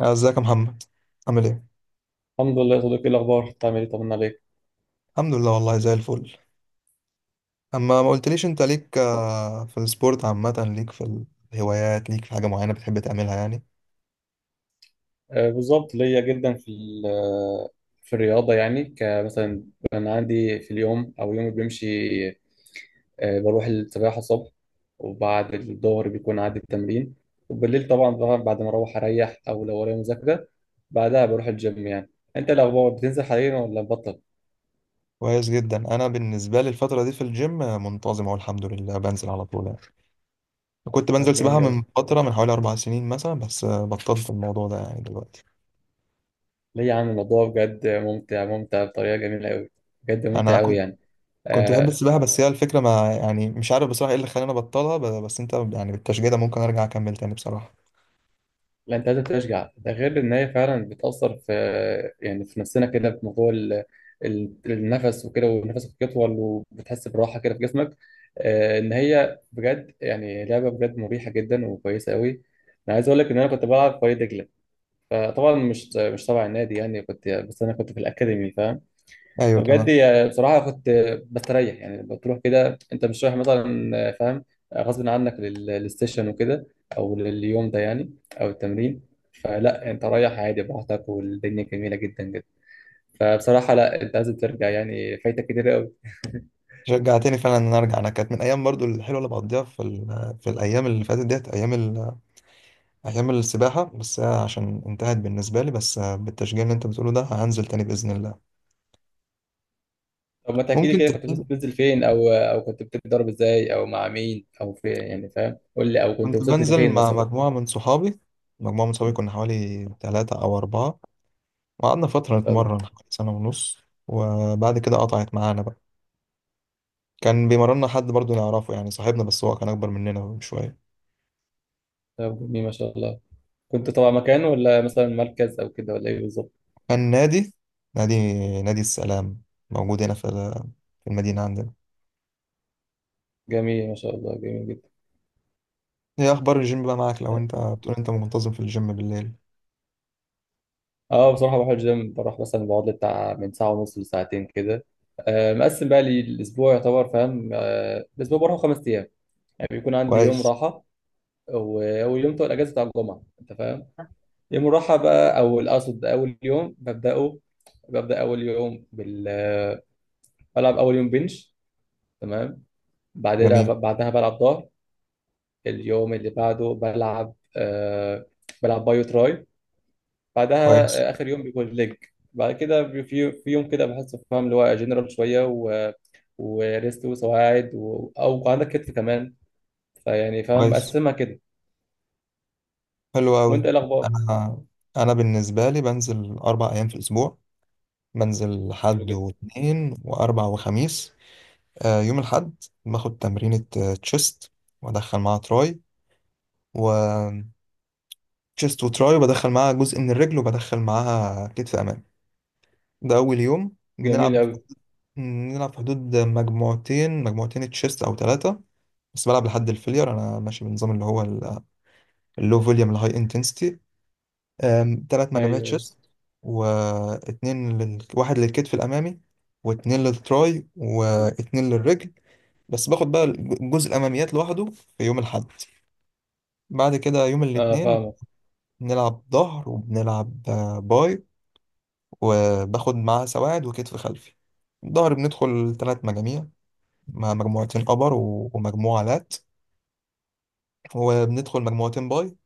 ازيك يا محمد؟ عامل ايه؟ الحمد لله يا صديقي، ايه الاخبار؟ بتعمل ايه؟ طمنا عليك. الحمد لله والله زي الفل. اما ما قلتليش انت ليك في السبورت عامه، ليك في الهوايات، ليك في حاجه معينه بتحب تعملها يعني؟ آه بالظبط ليا جدا في ال- آه، في الرياضه يعني، كمثلا انا عندي في اليوم، او يومي بيمشي، آه بروح السباحه الصبح، وبعد الظهر بيكون عندي التمرين، وبالليل طبعا بقى، بعد ما اروح اريح، او لو ورايا مذاكره بعدها بروح الجيم يعني. انت الاخبار؟ بتنزل حاليا ولا بطل؟ كويس جدا. انا بالنسبه لي الفتره دي في الجيم منتظم اهو الحمد لله، بنزل على طول يعني. كنت طب بنزل سباحه جميل قوي. من فتره، من حوالي اربع سنين مثلا، بس بطلت الموضوع ده يعني دلوقتي. ليه يا عم؟ الموضوع بجد ممتع، ممتع بطريقه جميله قوي، بجد ممتع انا قوي كنت يعني. كنت بحب آه، السباحه، بس هي الفكره ما يعني مش عارف بصراحه ايه اللي خلاني ابطلها، بس انت يعني بالتشجيع ده ممكن ارجع اكمل تاني بصراحه. لا انت لازم تشجع ده، غير ان هي فعلا بتاثر في، يعني في نفسنا كده، في موضوع النفس وكده، ونفسك يطول، وبتحس براحه كده في جسمك. ان هي بجد يعني لعبه بجد مريحه جدا وكويسه قوي. انا عايز اقول لك ان انا كنت بلعب في وادي دجله، فطبعا مش تبع النادي يعني، كنت بس انا كنت في الاكاديمي، فاهم؟ ايوه تمام، بصراحة كنت بستريح يعني. بتروح كده أنت مش رايح مثلا، فاهم، غصب عنك للسيشن وكده، أو لليوم ده يعني، أو التمرين. فلا، أنت رايح عادي براحتك والدنيا جميلة جدا جدا. فبصراحة لا، أنت لازم ترجع يعني، فايتك كتير قوي. شجعتني فعلا ان انا ارجع. انا كانت من ايام برضو الحلوه اللي بقضيها في الايام اللي فاتت ديت، ايام السباحه، بس هي عشان انتهت بالنسبه لي، بس بالتشجيع اللي انت بتقوله ده هنزل تاني باذن الله. طب ما تحكي لي ممكن كده، كنت تبتدي. بتنزل فين؟ أو كنت بتتدرب إزاي؟ أو مع مين؟ أو فين يعني؟ فاهم، قول لي، أو كنت كنت وصلت بنزل لفين مع مثلا. مجموعه من صحابي، مجموعه من صحابي، كنا حوالي ثلاثة او اربعة، وقعدنا فتره طب نتمرن حوالي سنه ونص، وبعد كده قطعت معانا بقى. كان بيمرنا حد برضو نعرفه يعني صاحبنا، بس هو كان اكبر مننا بشويه. طب جميل ما شاء الله. كنت طبعا مكان، ولا مثلا مركز أو كده، ولا إيه بالظبط؟ كان نادي، نادي نادي السلام، موجود هنا في المدينه عندنا. جميل ما شاء الله، جميل جدا. ايه اخبار الجيم بقى معاك؟ لو انت بتقول انت منتظم في الجيم بالليل. اه بصراحة بروح الجيم، بروح مثلا بقعد لي بتاع من ساعة ونص لساعتين كده. آه مقسم بقى لي الأسبوع، يعتبر فاهم، آه الأسبوع بروح خمس أيام، يعني بيكون عندي يوم كويس. راحة. واليوم بتاع الأجازة بتاع الجمعة أنت فاهم، يوم الراحة بقى. أو الأقصد أول يوم ببدأه، ببدأ أول يوم بال آه، بلعب أول يوم بنش، تمام. بعدها جميل. بعدها بلعب ظهر. اليوم اللي بعده بلعب آه، بلعب بايو تراي. بعدها كويس. آه، آخر يوم بيكون ليج. بعد كده في يوم كده بحسه فاهم، اللي هو جنرال شوية، و وريست وسواعد و... أو عندك كتف كمان. فيعني فاهم، كويس. مقسمها كده. حلو وأنت قوي. إيه الأخبار؟ انا انا بالنسبه لي بنزل اربع ايام في الاسبوع، بنزل حلو حد جدا. واثنين واربع وخميس. آه، يوم الحد باخد تمرينة تشيست وادخل معاها تراي، و تشيست وتراي، وبدخل معاها جزء من الرجل، وبدخل معاها كتف امامي. ده اول يوم جميل بنلعب. أوي. بنلعب في حدود مجموعتين، مجموعتين تشيست او ثلاثه. بس بلعب لحد الفيلير، انا ماشي بالنظام اللي هو اللو فوليوم الهاي انتنسيتي. ثلاث أيوه مجاميع أيوه. تشيست، واحد للكتف الامامي، واتنين للتراي، واتنين للرجل. بس باخد بقى الجزء الاماميات لوحده في يوم الاحد. بعد كده يوم أه الاثنين فاهمك. بنلعب ظهر وبنلعب باي، وباخد معاه سواعد وكتف خلفي. الظهر بندخل ثلاث مجاميع، مع مجموعتين ابر ومجموعة لات، وبندخل مجموعتين باي،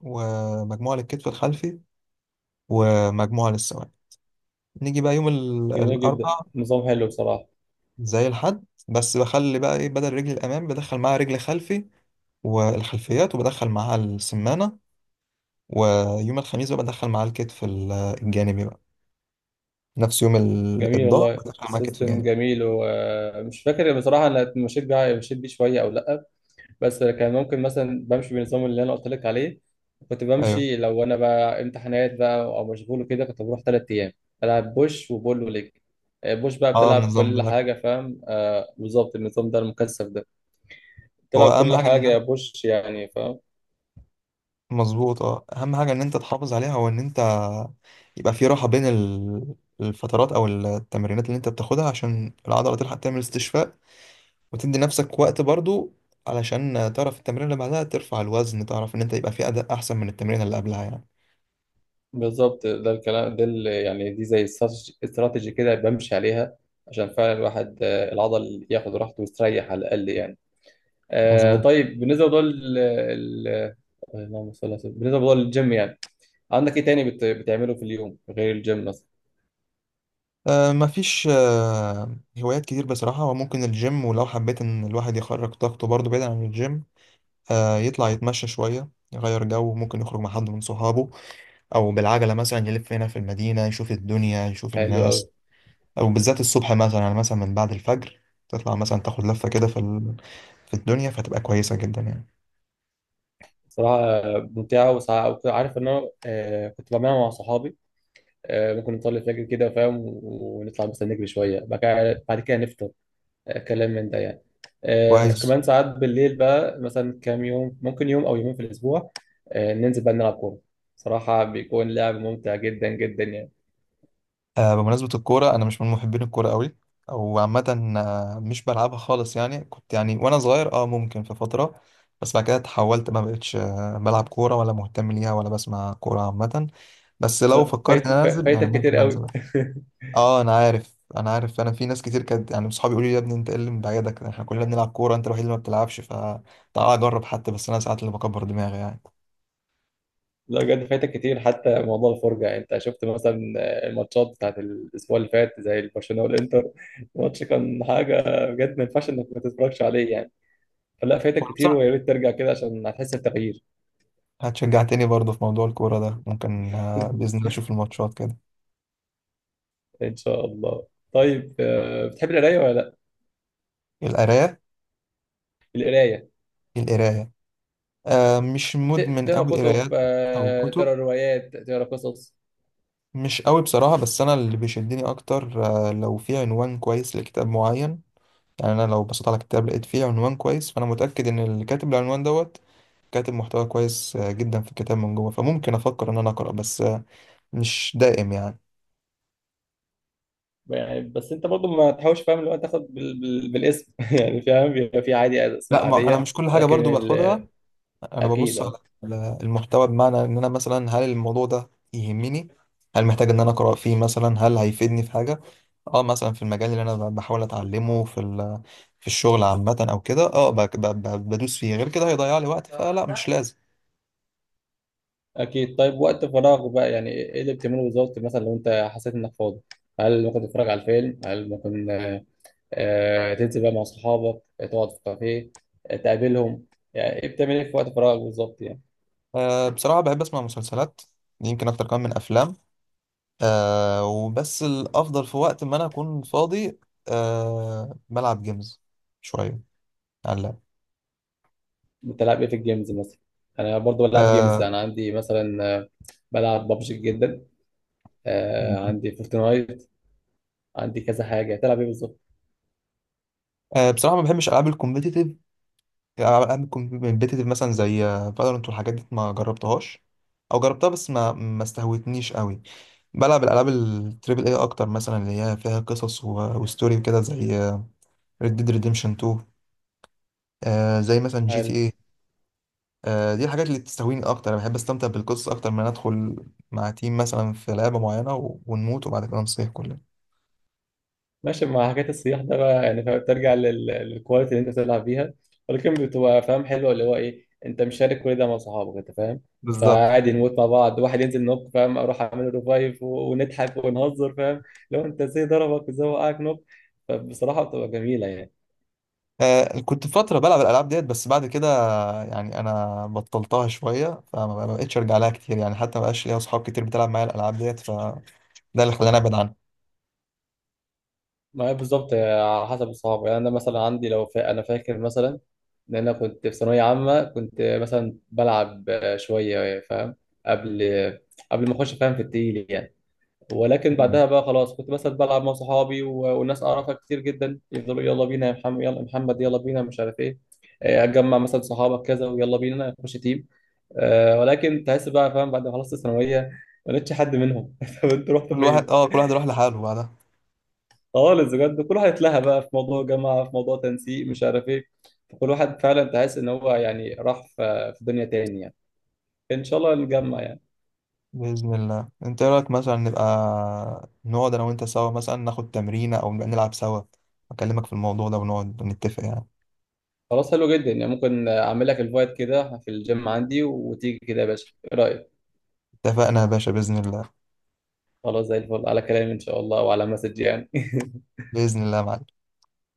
ومجموعة للكتف الخلفي، ومجموعة للسواعد. نيجي بقى يوم جميل جدا، الأربع، نظام حلو بصراحة. زي الحد بس بخلي بقى إيه، بدل رجل الأمام بدخل معاها رجل خلفي والخلفيات، وبدخل معاها السمانة. ويوم الخميس بقى بدخل معاها الكتف الجانبي بقى، نفس يوم جميل الظهر والله، بدخل معاها كتف سيستم جانبي. جميل. ومش فاكر بصراحة أنا، مشيت بيه مشيت بيه شوية أو لأ، بس كان ممكن مثلا بمشي بالنظام اللي انا قلت لك عليه. كنت أيوه. بمشي لو انا بقى امتحانات بقى او مشغول وكده، كنت بروح ثلاث ايام، بلعب بوش وبول وليج. آه، بوش بقى اه بتلعب النظام كل ده، حاجه، فاهم؟ آه بالظبط، النظام ده المكثف ده هو بتلعب أهم كل حاجة إن حاجه يا أنت بوش يعني، فاهم. مظبوط. اه، أهم حاجة إن أنت تحافظ عليها هو إن أنت يبقى في راحة بين الفترات أو التمرينات اللي أنت بتاخدها، عشان العضلة تلحق تعمل استشفاء، وتدي نفسك وقت برضو علشان تعرف التمرين اللي بعدها ترفع الوزن، تعرف ان انت يبقى في اداء احسن من التمرين اللي قبلها يعني. بالظبط، ده الكلام ده اللي يعني، دي زي استراتيجي كده بمشي عليها، عشان فعلا الواحد آه، العضل ياخد راحته ويستريح على الاقل يعني. آه مظبوط. طيب بالنسبه لدول ال- ال- آه، اللهم صل على سيدنا- بالنسبه لدول الجيم يعني، عندك ايه تاني بتعمله في اليوم غير الجيم مثلا؟ آه مفيش آه هوايات كتير بصراحة، وممكن الجيم، ولو حبيت ان الواحد يخرج طاقته برضو بعيد عن الجيم، آه يطلع يتمشى شوية يغير جو، ممكن يخرج مع حد من صحابه، او بالعجلة مثلا يلف هنا في المدينة، يشوف الدنيا يشوف حلو قوي. الناس، او بالذات الصبح مثلا يعني، مثلا من بعد الفجر تطلع مثلا تاخد لفة كده في الدنيا، فتبقى كويسة جدا يعني. صراحة ممتعة وساعة. وكنت عارف ان انا آه كنت بعملها مع صحابي، آه ممكن نطلع الفجر كده فاهم، ونطلع مثلا نجري شوية، بعد كده نفطر، آه كلام من ده يعني. آه بس كويس. كمان ساعات بالليل بقى، مثلا كام يوم، ممكن يوم او يومين في الاسبوع، آه ننزل بقى نلعب كورة. صراحة بيكون لعب ممتع جدا جدا يعني. آه، بمناسبة الكورة، أنا مش من محبين الكورة قوي، أو عامة مش بلعبها خالص يعني. كنت يعني وأنا صغير أه ممكن في فترة، بس بعد كده اتحولت ما بقتش بلعب كورة ولا مهتم ليها ولا بسمع كورة عامة، بس ز- لو فكرت إن أنا أنزل يعني فايتك كتير ممكن قوي. أنزل. أه أنا عارف، أنا عارف. أنا في ناس كتير كانت يعني صحابي يقولوا لي يا ابني أنت إيه اللي مبعدك، إحنا كلنا بنلعب كورة، أنت الوحيد اللي ما بتلعبش فتعال أجرب حتى، بس أنا ساعات اللي بكبر دماغي يعني. لا بجد، فايتك كتير، حتى موضوع الفرجة. يعني انت شفت مثلا الماتشات بتاعت الاسبوع اللي فات زي البرشلونة والانتر؟ الماتش كان حاجة بجد، ما ينفعش انك ما تتفرجش عليه يعني. فلا فايتك وأنا كتير، بصراحة ويا ريت ترجع كده عشان هتحس بتغيير. هتشجعتني برضه في موضوع الكورة ده، ممكن بإذن الله أشوف الماتشات كده. ان شاء الله. طيب آه، بتحب القراية ولا لا؟ القراية؟ القراية، القراية؟ آه مش مدمن تقرا قوي كتب؟ قرايات. أو آه، كتب، تقرا روايات؟ تقرا قصص؟ مش قوي بصراحة، بس أنا اللي بيشدني أكتر آه لو في عنوان كويس لكتاب معين يعني. أنا لو بصيت على كتاب لقيت فيه عنوان كويس، فأنا متأكد إن اللي كاتب العنوان دوت كاتب محتوى كويس آه جدا في الكتاب من جوه، فممكن أفكر إن أنا أقرأ، بس آه مش دائم يعني. يعني بس انت برضو ما تحاولش فاهم، اللي هو تاخد بالاسم. يعني فاهم، بيبقى في عادي لا اسماء ما أنا عادية، مش كل حاجة ولكن برضو باخدها، ال-، انا اكيد. ببص على المحتوى، بمعنى ان انا مثلا هل الموضوع ده يهمني، هل محتاج ان انا اقرا فيه مثلا، هل هيفيدني في حاجه اه مثلا في المجال اللي انا بحاول اتعلمه في الشغل عامه او كده، اه بدوس فيه، غير كده هيضيع لي وقت فلا مش لازم. اكيد. طيب وقت فراغ بقى يعني ايه اللي بتعمله بالظبط، مثلا لو انت حسيت انك فاضي، هل ممكن تتفرج على الفيلم؟ هل ممكن آه، تنزل بقى مع اصحابك؟ آه، تقعد في كافيه؟ آه، تقابلهم؟ يعني ايه بتعمل ايه في وقت فراغك بالظبط يعني؟ آه بصراحه بحب اسمع مسلسلات، يمكن اكتر كمان من افلام. آه وبس الافضل في وقت ما انا اكون فاضي، آه بلعب جيمز شويه على اللاب. بتلعب ايه في الجيمز مثلا؟ انا برضو بلعب جيمز، آه، انا عندي مثلا آه، بلعب ببجي جدا، آه، عندي فورتنايت، عندي كذا حاجه. تلعب ايه بالظبط؟ بصراحة ما بحبش ألعاب الكومبيتيتيف. العاب كومبيتيتيف مثلا زي فالورنت والحاجات دي ما جربتهاش، او جربتها بس ما استهوتنيش قوي. بلعب الالعاب التريبل اي اكتر، مثلا اللي هي فيها قصص وستوري كده زي ريد ديد ريديمشن 2، زي مثلا جي تي هل اي. دي الحاجات اللي بتستهويني اكتر. انا بحب استمتع بالقصص اكتر من أن ادخل مع تيم مثلا في لعبه معينه ونموت وبعد كده نصيح كلنا. ماشي مع حكايه الصياح ده بقى، يعني فاهم بترجع للكواليتي اللي انت بتلعب بيها، ولكن بتبقى فاهم حلوه اللي هو ايه، انت مشارك كل ده مع صحابك انت، فاهم؟ بالظبط. فعادي نموت مع بعض، واحد ينزل نوك فاهم، اروح اعمل ريفايف، ونضحك ونهزر فاهم، لو انت ازاي ضربك وازاي وقعك نوك. فبصراحه بتبقى جميله يعني. آه، كنت فترة بلعب الألعاب ديت، بس بعد كده يعني أنا بطلتها شوية، ما بقتش أرجع لها كتير يعني، حتى ما بقاش ليا أصحاب كتير بتلعب معايا الألعاب ديت، فده اللي خلاني أبعد عنها. ما هي بالظبط على حسب الصحاب يعني. انا مثلا عندي، انا فاكر مثلا ان انا كنت في ثانويه عامه، كنت مثلا بلعب شويه فاهم، قبل قبل ما اخش فاهم في التقيل يعني. ولكن مم. بعدها بقى خلاص، كنت مثلا بلعب مع صحابي والناس اعرفها كتير جدا، يفضلوا يلا بينا يا محمد، يلا يا محمد، يلا بينا مش عارف ايه، آه، اتجمع مثلا صحابك كذا، ويلا بينا نخش تيم، آه، ولكن تحس بقى فاهم بعد ما خلصت الثانويه ما لقيتش حد منهم. طب انتوا رحتوا كل واحد، فين؟ أه كل واحد راح لحاله بعدها. خالص بجد، كل واحد اتلهى بقى في موضوع جامعه، في موضوع تنسيق، مش عارف ايه، فكل واحد فعلا تحس ان هو يعني راح في دنيا تاني يعني. ان شاء الله نجمع يعني. بإذن الله. أنت إيه رأيك مثلا نبقى نقعد أنا وأنت سوا، مثلا ناخد تمرينة أو نبقى نلعب سوا، أكلمك في الموضوع ده ونقعد نتفق يعني. خلاص، حلو جدا يعني. ممكن اعمل لك الفايت كده في الجيم عندي وتيجي كده يا باشا، ايه رايك؟ اتفقنا يا باشا بإذن الله. خلاص، زي الفل على كلامي ان شاء الله، وعلى مسج يعني. بإذن الله يا معلم.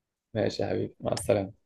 ماشي يا حبيبي، مع السلامة.